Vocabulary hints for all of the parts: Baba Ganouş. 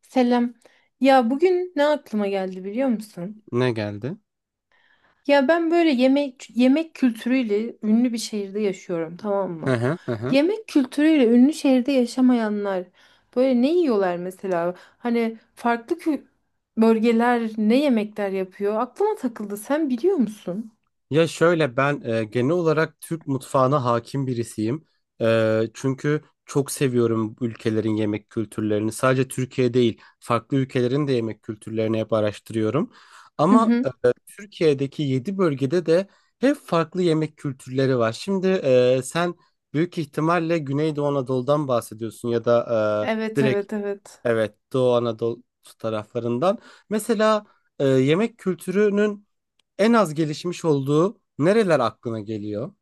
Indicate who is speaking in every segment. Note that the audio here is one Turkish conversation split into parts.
Speaker 1: Selam. Ya bugün ne aklıma geldi biliyor musun?
Speaker 2: Ne geldi?
Speaker 1: Ya ben böyle yemek kültürüyle ünlü bir şehirde yaşıyorum, tamam
Speaker 2: Hı
Speaker 1: mı?
Speaker 2: hı hı. Hı.
Speaker 1: Yemek kültürüyle ünlü şehirde yaşamayanlar böyle ne yiyorlar mesela? Hani farklı bölgeler ne yemekler yapıyor? Aklıma takıldı. Sen biliyor musun?
Speaker 2: Ya şöyle ben genel olarak Türk mutfağına hakim birisiyim. Çünkü çok seviyorum bu ülkelerin yemek kültürlerini. Sadece Türkiye değil, farklı ülkelerin de yemek kültürlerini hep araştırıyorum.
Speaker 1: Hı
Speaker 2: Ama
Speaker 1: hı.
Speaker 2: Türkiye'deki 7 bölgede de hep farklı yemek kültürleri var. Şimdi sen büyük ihtimalle Güneydoğu Anadolu'dan bahsediyorsun, ya da
Speaker 1: Evet,
Speaker 2: direkt,
Speaker 1: evet, evet.
Speaker 2: evet, Doğu Anadolu taraflarından. Mesela yemek kültürünün en az gelişmiş olduğu nereler aklına geliyor?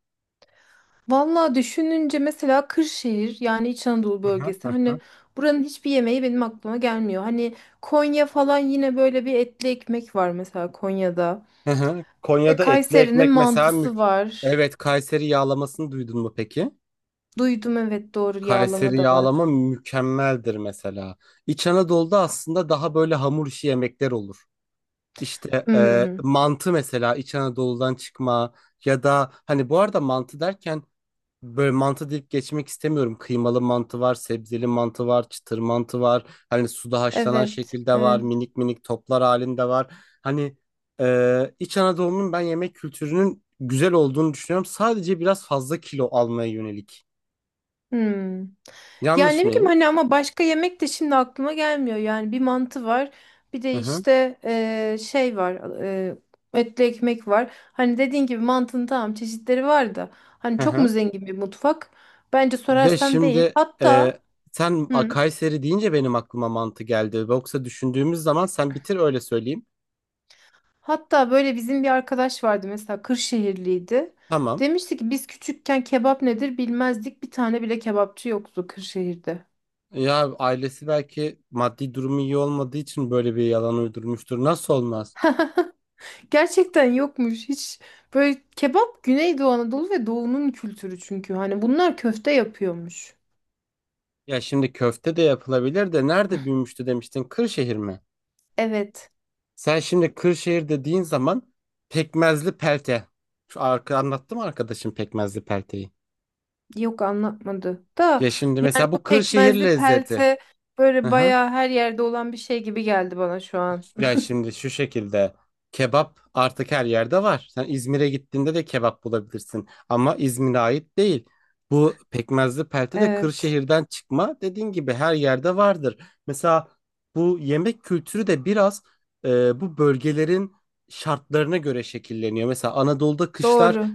Speaker 1: Vallahi düşününce mesela Kırşehir, yani İç Anadolu bölgesi, hani buranın hiçbir yemeği benim aklıma gelmiyor. Hani Konya falan, yine böyle bir etli ekmek var mesela Konya'da.
Speaker 2: Hı hı.
Speaker 1: İşte
Speaker 2: Konya'da etli
Speaker 1: Kayseri'nin
Speaker 2: ekmek mesela
Speaker 1: mantısı var.
Speaker 2: Evet, Kayseri yağlamasını duydun mu peki?
Speaker 1: Duydum, evet, doğru, yağlama
Speaker 2: Kayseri
Speaker 1: da var.
Speaker 2: yağlama mükemmeldir mesela. İç Anadolu'da aslında daha böyle hamur işi yemekler olur. İşte
Speaker 1: Hmm,
Speaker 2: mantı mesela İç Anadolu'dan çıkma, ya da, hani, bu arada mantı derken böyle mantı deyip geçmek istemiyorum. Kıymalı mantı var, sebzeli mantı var, çıtır mantı var. Hani suda haşlanan
Speaker 1: evet
Speaker 2: şekilde var,
Speaker 1: evet.
Speaker 2: minik minik toplar halinde var. Hani İç Anadolu'nun ben yemek kültürünün güzel olduğunu düşünüyorum. Sadece biraz fazla kilo almaya yönelik.
Speaker 1: Hmm. Yani
Speaker 2: Yanlış
Speaker 1: ne bileyim
Speaker 2: mıyım?
Speaker 1: hani, ama başka yemek de şimdi aklıma gelmiyor. Yani bir mantı var. Bir
Speaker 2: Hı
Speaker 1: de
Speaker 2: hı.
Speaker 1: işte şey var. Etli ekmek var. Hani dediğin gibi mantının tamam çeşitleri var da, hani
Speaker 2: Hı
Speaker 1: çok mu
Speaker 2: hı.
Speaker 1: zengin bir mutfak? Bence
Speaker 2: Ya
Speaker 1: sorarsan değil.
Speaker 2: şimdi
Speaker 1: Hatta
Speaker 2: sen
Speaker 1: hı,
Speaker 2: Kayseri deyince benim aklıma mantı geldi. Yoksa, düşündüğümüz zaman sen bitir, öyle söyleyeyim.
Speaker 1: hatta böyle bizim bir arkadaş vardı mesela, Kırşehirliydi.
Speaker 2: Tamam.
Speaker 1: Demişti ki biz küçükken kebap nedir bilmezdik. Bir tane bile kebapçı yoktu Kırşehir'de.
Speaker 2: Ya ailesi belki maddi durumu iyi olmadığı için böyle bir yalan uydurmuştur. Nasıl olmaz?
Speaker 1: Gerçekten yokmuş. Hiç. Böyle kebap Güneydoğu Anadolu ve Doğu'nun kültürü çünkü. Hani bunlar köfte yapıyormuş.
Speaker 2: Ya şimdi köfte de yapılabilir de nerede büyümüştü demiştin? Kırşehir mi?
Speaker 1: Evet.
Speaker 2: Sen şimdi Kırşehir dediğin zaman pekmezli pelte. Şu anlattım arkadaşım pekmezli pelteyi.
Speaker 1: Yok, anlatmadı. Da
Speaker 2: Ya şimdi
Speaker 1: yani
Speaker 2: mesela
Speaker 1: bu
Speaker 2: bu Kırşehir
Speaker 1: pekmezli
Speaker 2: lezzeti.
Speaker 1: pelte
Speaker 2: Hı
Speaker 1: böyle
Speaker 2: hı.
Speaker 1: bayağı her yerde olan bir şey gibi geldi bana şu an.
Speaker 2: Ya şimdi şu şekilde kebap artık her yerde var. Sen İzmir'e gittiğinde de kebap bulabilirsin ama İzmir'e ait değil. Bu pekmezli pelte de
Speaker 1: Evet.
Speaker 2: Kırşehir'den çıkma. Dediğin gibi her yerde vardır. Mesela bu yemek kültürü de biraz bu bölgelerin şartlarına göre şekilleniyor. Mesela Anadolu'da kışlar
Speaker 1: Doğru.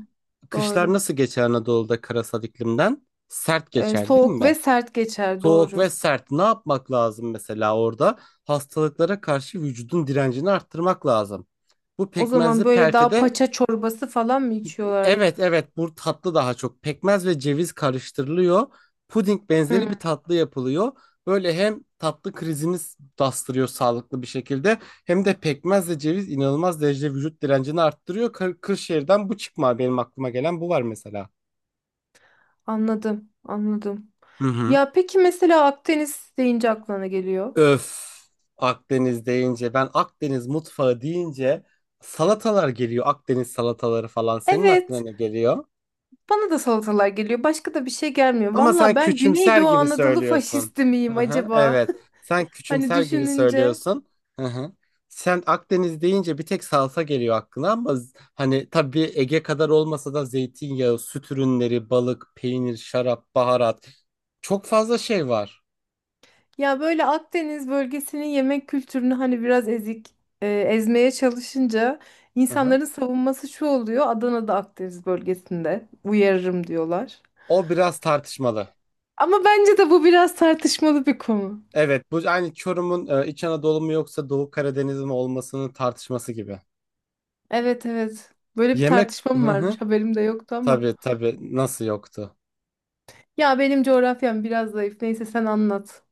Speaker 2: kışlar
Speaker 1: Doğru.
Speaker 2: nasıl geçer Anadolu'da, karasal iklimden? Sert geçer değil
Speaker 1: Soğuk ve
Speaker 2: mi?
Speaker 1: sert geçer.
Speaker 2: Soğuk ve
Speaker 1: Doğru.
Speaker 2: sert. Ne yapmak lazım mesela orada? Hastalıklara karşı vücudun direncini arttırmak lazım. Bu
Speaker 1: O zaman
Speaker 2: pekmezli
Speaker 1: böyle daha
Speaker 2: peltede,
Speaker 1: paça çorbası falan mı içiyorlar?
Speaker 2: evet, evet, bu tatlı daha çok. Pekmez ve ceviz karıştırılıyor. Puding
Speaker 1: Hı,
Speaker 2: benzeri bir tatlı yapılıyor. Böyle hem tatlı krizini bastırıyor sağlıklı bir şekilde, hem de pekmez ve ceviz inanılmaz derecede vücut direncini arttırıyor. Kırşehir'den bu çıkma, benim aklıma gelen bu var mesela.
Speaker 1: anladım. Anladım.
Speaker 2: Hı hı.
Speaker 1: Ya peki mesela Akdeniz deyince aklına ne geliyor?
Speaker 2: Öf. Akdeniz deyince ben, Akdeniz mutfağı deyince, salatalar geliyor. Akdeniz salataları falan, senin aklına
Speaker 1: Evet,
Speaker 2: ne geliyor?
Speaker 1: bana da salatalar geliyor. Başka da bir şey gelmiyor.
Speaker 2: Ama
Speaker 1: Valla,
Speaker 2: sen
Speaker 1: ben
Speaker 2: küçümser
Speaker 1: Güneydoğu
Speaker 2: gibi
Speaker 1: Anadolu
Speaker 2: söylüyorsun.
Speaker 1: faşisti miyim
Speaker 2: Hı hı,
Speaker 1: acaba?
Speaker 2: evet. Sen
Speaker 1: Hani
Speaker 2: küçümser gibi
Speaker 1: düşününce.
Speaker 2: söylüyorsun. Hı hı. Sen Akdeniz deyince bir tek salsa geliyor aklına ama hani, tabii Ege kadar olmasa da, zeytinyağı, süt ürünleri, balık, peynir, şarap, baharat, çok fazla şey var.
Speaker 1: Ya böyle Akdeniz bölgesinin yemek kültürünü hani biraz ezik, ezmeye çalışınca
Speaker 2: Hı hı.
Speaker 1: insanların savunması şu oluyor: Adana'da Akdeniz bölgesinde uyarırım diyorlar.
Speaker 2: O biraz tartışmalı.
Speaker 1: Ama bence de bu biraz tartışmalı bir konu.
Speaker 2: Evet, bu aynı Çorum'un İç Anadolu mu yoksa Doğu Karadeniz mi olmasının tartışması gibi.
Speaker 1: Evet evet. Böyle bir
Speaker 2: Yemek
Speaker 1: tartışma mı
Speaker 2: hı hı.
Speaker 1: varmış? Haberim de yoktu ama.
Speaker 2: Tabii tabii, nasıl yoktu?
Speaker 1: Ya benim coğrafyam biraz zayıf. Neyse, sen anlat.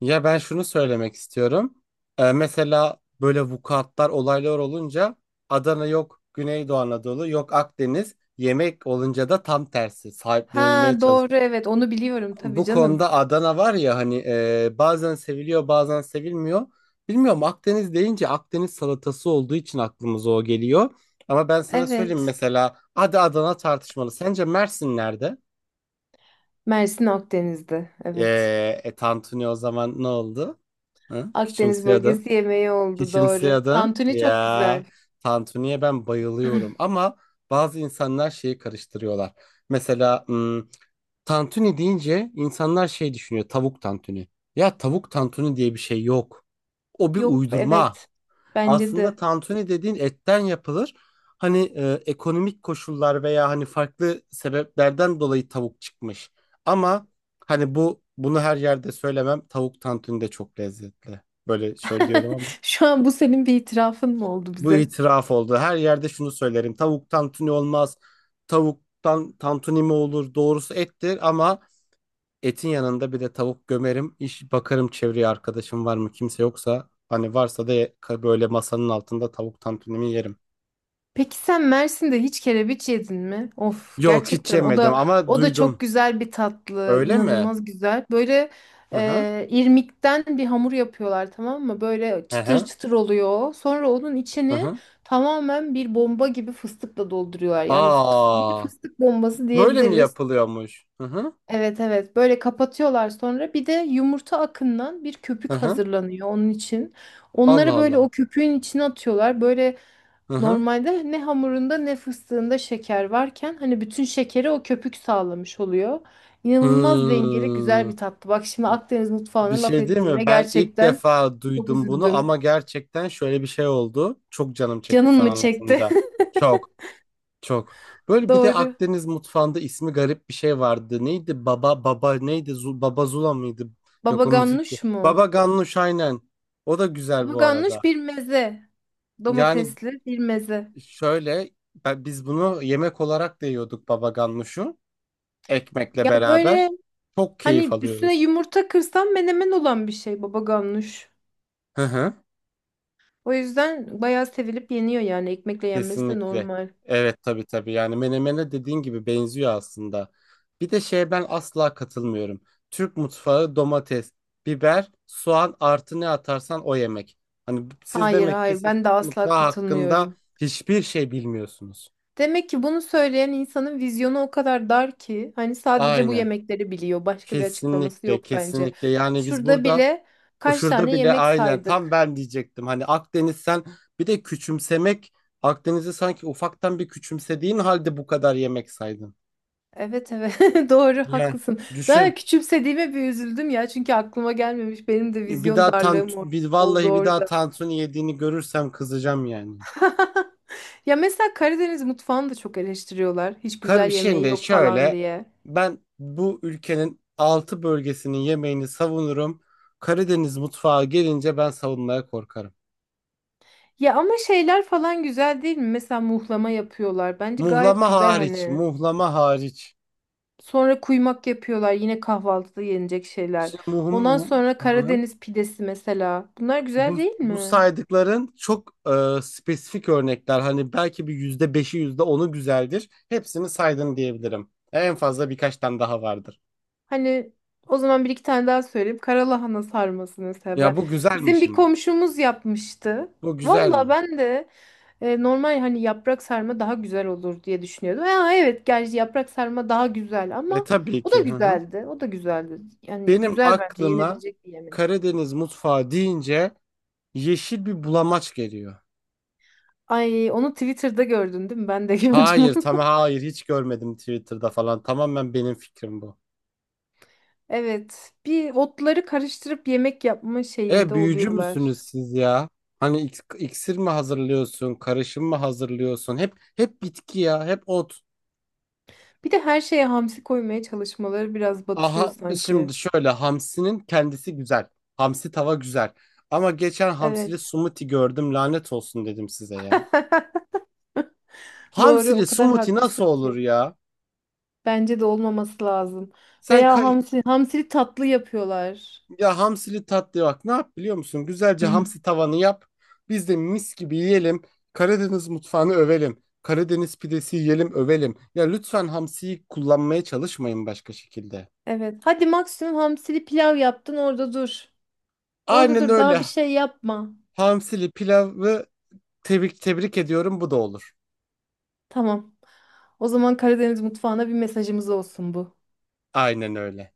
Speaker 2: Ya ben şunu söylemek istiyorum. Mesela böyle vukuatlar, olaylar olunca Adana yok, Güneydoğu Anadolu yok, Akdeniz. Yemek olunca da tam tersi
Speaker 1: Ha,
Speaker 2: sahiplenilmeye.
Speaker 1: doğru, evet, onu biliyorum tabii
Speaker 2: Bu
Speaker 1: canım.
Speaker 2: konuda Adana var ya, hani, bazen seviliyor bazen sevilmiyor. Bilmiyorum, Akdeniz deyince Akdeniz salatası olduğu için aklımıza o geliyor. Ama ben sana söyleyeyim,
Speaker 1: Evet.
Speaker 2: mesela hadi Adana tartışmalı. Sence Mersin nerede?
Speaker 1: Mersin Akdeniz'de.
Speaker 2: E,
Speaker 1: Evet.
Speaker 2: tantuni o zaman ne oldu? Hı?
Speaker 1: Akdeniz
Speaker 2: Küçümseyordun.
Speaker 1: bölgesi yemeği oldu, doğru.
Speaker 2: Küçümseyordun.
Speaker 1: Tantuni çok güzel.
Speaker 2: Ya, tantuniye ben bayılıyorum. Ama bazı insanlar şeyi karıştırıyorlar. Mesela tantuni deyince insanlar şey düşünüyor. Tavuk tantuni. Ya tavuk tantuni diye bir şey yok. O bir
Speaker 1: Yok,
Speaker 2: uydurma.
Speaker 1: evet. Bence
Speaker 2: Aslında
Speaker 1: de.
Speaker 2: tantuni dediğin etten yapılır. Hani ekonomik koşullar veya hani farklı sebeplerden dolayı tavuk çıkmış. Ama hani bu bunu her yerde söylemem. Tavuk tantuni de çok lezzetli. Böyle şöyle diyorum ama
Speaker 1: Şu an bu senin bir itirafın mı oldu
Speaker 2: bu
Speaker 1: bize?
Speaker 2: itiraf oldu. Her yerde şunu söylerim. Tavuk tantuni olmaz. Tavuktan tantuni mi olur? Doğrusu ettir ama etin yanında bir de tavuk gömerim. İş bakarım çevreye, arkadaşım var mı, kimse yoksa. Hani varsa da böyle masanın altında tavuk tantunimi yerim.
Speaker 1: Peki sen Mersin'de hiç kerebiç yedin mi? Of,
Speaker 2: Yok, hiç
Speaker 1: gerçekten o
Speaker 2: yemedim
Speaker 1: da,
Speaker 2: ama
Speaker 1: o da çok
Speaker 2: duydum.
Speaker 1: güzel bir tatlı,
Speaker 2: Öyle mi?
Speaker 1: inanılmaz güzel. Böyle
Speaker 2: Hı hı.
Speaker 1: irmikten bir hamur yapıyorlar, tamam mı? Böyle
Speaker 2: Hı
Speaker 1: çıtır
Speaker 2: hı.
Speaker 1: çıtır oluyor. Sonra onun
Speaker 2: Hı
Speaker 1: içini
Speaker 2: hı.
Speaker 1: tamamen bir bomba gibi fıstıkla dolduruyorlar. Yani bir
Speaker 2: Aa,
Speaker 1: fıstık bombası
Speaker 2: böyle mi
Speaker 1: diyebiliriz.
Speaker 2: yapılıyormuş? Hı hı.
Speaker 1: Evet evet, böyle kapatıyorlar, sonra bir de yumurta akından bir
Speaker 2: Hı
Speaker 1: köpük
Speaker 2: hı.
Speaker 1: hazırlanıyor onun için.
Speaker 2: Allah
Speaker 1: Onları böyle o
Speaker 2: Allah.
Speaker 1: köpüğün içine atıyorlar. Böyle,
Speaker 2: Hı hı.
Speaker 1: normalde ne hamurunda ne fıstığında şeker varken hani bütün şekeri o köpük sağlamış oluyor. İnanılmaz dengeli, güzel
Speaker 2: Hmm.
Speaker 1: bir tatlı. Bak, şimdi Akdeniz
Speaker 2: Bir
Speaker 1: mutfağına laf
Speaker 2: şey değil
Speaker 1: ettiğime
Speaker 2: mi? Ben ilk
Speaker 1: gerçekten
Speaker 2: defa
Speaker 1: çok
Speaker 2: duydum bunu ama
Speaker 1: üzüldüm.
Speaker 2: gerçekten şöyle bir şey oldu. Çok canım çekti
Speaker 1: Canın
Speaker 2: sen
Speaker 1: mı çekti?
Speaker 2: anlatınca. Çok. Çok. Böyle bir de
Speaker 1: Doğru.
Speaker 2: Akdeniz mutfağında ismi garip bir şey vardı. Neydi? Baba neydi? Baba Zula mıydı?
Speaker 1: Baba
Speaker 2: Yok, o müzik.
Speaker 1: ganoush mu?
Speaker 2: Baba Ganouş, aynen. O da güzel
Speaker 1: Baba
Speaker 2: bu
Speaker 1: ganoush
Speaker 2: arada.
Speaker 1: bir meze.
Speaker 2: Yani
Speaker 1: Domatesli bir meze.
Speaker 2: şöyle ben- bunu yemek olarak da yiyorduk, baba ganuşu, ekmekle
Speaker 1: Ya böyle,
Speaker 2: beraber. Çok keyif
Speaker 1: hani üstüne
Speaker 2: alıyoruz.
Speaker 1: yumurta kırsan menemen olan bir şey baba ganoush.
Speaker 2: Hı hı.
Speaker 1: O yüzden bayağı sevilip yeniyor, yani ekmekle yenmesi de
Speaker 2: Kesinlikle.
Speaker 1: normal.
Speaker 2: Evet, tabii tabii. Yani menemene dediğin gibi benziyor aslında. Bir de şeye ben asla katılmıyorum. Türk mutfağı domates, biber, soğan artı ne atarsan o yemek. Hani, siz
Speaker 1: Hayır
Speaker 2: demek ki,
Speaker 1: hayır,
Speaker 2: siz
Speaker 1: ben de
Speaker 2: Türk
Speaker 1: asla
Speaker 2: mutfağı hakkında
Speaker 1: katılmıyorum.
Speaker 2: hiçbir şey bilmiyorsunuz.
Speaker 1: Demek ki bunu söyleyen insanın vizyonu o kadar dar ki hani sadece bu
Speaker 2: Aynen.
Speaker 1: yemekleri biliyor. Başka bir açıklaması
Speaker 2: Kesinlikle
Speaker 1: yok bence.
Speaker 2: kesinlikle. Yani biz
Speaker 1: Şurada
Speaker 2: burada,
Speaker 1: bile
Speaker 2: o
Speaker 1: kaç
Speaker 2: şurada
Speaker 1: tane
Speaker 2: bile
Speaker 1: yemek
Speaker 2: aynen, tam
Speaker 1: saydık.
Speaker 2: ben diyecektim. Hani Akdeniz, sen bir de küçümsemek, Akdeniz'i sanki ufaktan bir küçümsediğin halde bu kadar yemek saydın.
Speaker 1: Evet evet, doğru,
Speaker 2: Yani
Speaker 1: haklısın.
Speaker 2: düşün.
Speaker 1: Daha küçümsediğime bir üzüldüm ya, çünkü aklıma gelmemiş, benim de
Speaker 2: Bir
Speaker 1: vizyon
Speaker 2: daha tan
Speaker 1: darlığım
Speaker 2: bir
Speaker 1: oldu
Speaker 2: vallahi bir daha
Speaker 1: orada.
Speaker 2: tantuni yediğini görürsem kızacağım yani.
Speaker 1: Ya mesela Karadeniz mutfağını da çok eleştiriyorlar. Hiç güzel yemeği
Speaker 2: Şimdi
Speaker 1: yok falan
Speaker 2: şöyle,
Speaker 1: diye.
Speaker 2: ben bu ülkenin altı bölgesinin yemeğini savunurum. Karadeniz mutfağı gelince ben savunmaya korkarım.
Speaker 1: Ya ama şeyler falan güzel değil mi? Mesela muhlama yapıyorlar. Bence gayet
Speaker 2: Muhlama
Speaker 1: güzel
Speaker 2: hariç,
Speaker 1: hani.
Speaker 2: muhlama hariç.
Speaker 1: Sonra kuymak yapıyorlar. Yine kahvaltıda yenecek şeyler.
Speaker 2: Şimdi
Speaker 1: Ondan sonra
Speaker 2: Hı.
Speaker 1: Karadeniz pidesi mesela. Bunlar güzel
Speaker 2: bu,
Speaker 1: değil
Speaker 2: bu
Speaker 1: mi?
Speaker 2: saydıkların çok spesifik örnekler. Hani belki bir %5'i, yüzde onu güzeldir. Hepsini saydın diyebilirim. En fazla birkaç tane daha vardır.
Speaker 1: Hani o zaman bir iki tane daha söyleyeyim. Karalahana sarması mesela.
Speaker 2: Ya
Speaker 1: Ben,
Speaker 2: bu güzel mi
Speaker 1: bizim bir
Speaker 2: şimdi?
Speaker 1: komşumuz yapmıştı.
Speaker 2: Bu güzel
Speaker 1: Valla
Speaker 2: mi?
Speaker 1: ben de. Normal hani yaprak sarma daha güzel olur diye düşünüyordum. Ya, evet, gerçi yaprak sarma daha güzel
Speaker 2: E
Speaker 1: ama
Speaker 2: tabii
Speaker 1: o da
Speaker 2: ki. Hı hı.
Speaker 1: güzeldi. O da güzeldi. Yani
Speaker 2: Benim
Speaker 1: güzel, bence
Speaker 2: aklıma
Speaker 1: yenebilecek bir yemek.
Speaker 2: Karadeniz mutfağı deyince yeşil bir bulamaç geliyor.
Speaker 1: Ay, onu Twitter'da gördün değil mi? Ben de gördüm
Speaker 2: Hayır,
Speaker 1: onu.
Speaker 2: tamam, hayır, hiç görmedim Twitter'da falan. Tamamen benim fikrim bu.
Speaker 1: Evet. Bir otları karıştırıp yemek yapma
Speaker 2: E,
Speaker 1: şeyinde
Speaker 2: büyücü
Speaker 1: oluyorlar.
Speaker 2: müsünüz siz ya? Hani iksir mi hazırlıyorsun, karışım mı hazırlıyorsun? Hep bitki ya, hep ot.
Speaker 1: Bir de her şeye hamsi koymaya çalışmaları biraz batırıyor
Speaker 2: Aha, şimdi
Speaker 1: sanki.
Speaker 2: şöyle, hamsinin kendisi güzel. Hamsi tava güzel. Ama geçen hamsili
Speaker 1: Evet.
Speaker 2: smoothie gördüm, lanet olsun dedim, size ya.
Speaker 1: Doğru,
Speaker 2: Hamsili
Speaker 1: o kadar
Speaker 2: smoothie
Speaker 1: haklısın
Speaker 2: nasıl olur
Speaker 1: ki.
Speaker 2: ya?
Speaker 1: Bence de olmaması lazım.
Speaker 2: Sen
Speaker 1: Veya
Speaker 2: kay-
Speaker 1: hamsi, hamsili tatlı yapıyorlar.
Speaker 2: Ya, hamsili tatlı, bak ne yap biliyor musun? Güzelce hamsi tavanı yap. Biz de mis gibi yiyelim. Karadeniz mutfağını övelim. Karadeniz pidesi yiyelim, övelim. Ya lütfen hamsiyi kullanmaya çalışmayın başka şekilde.
Speaker 1: Evet. Hadi maksimum hamsili pilav yaptın, orada dur. Orada
Speaker 2: Aynen
Speaker 1: dur, daha bir
Speaker 2: öyle.
Speaker 1: şey yapma.
Speaker 2: Hamsili pilavı tebrik tebrik ediyorum, bu da olur.
Speaker 1: Tamam. O zaman Karadeniz mutfağına bir mesajımız olsun bu.
Speaker 2: Aynen öyle.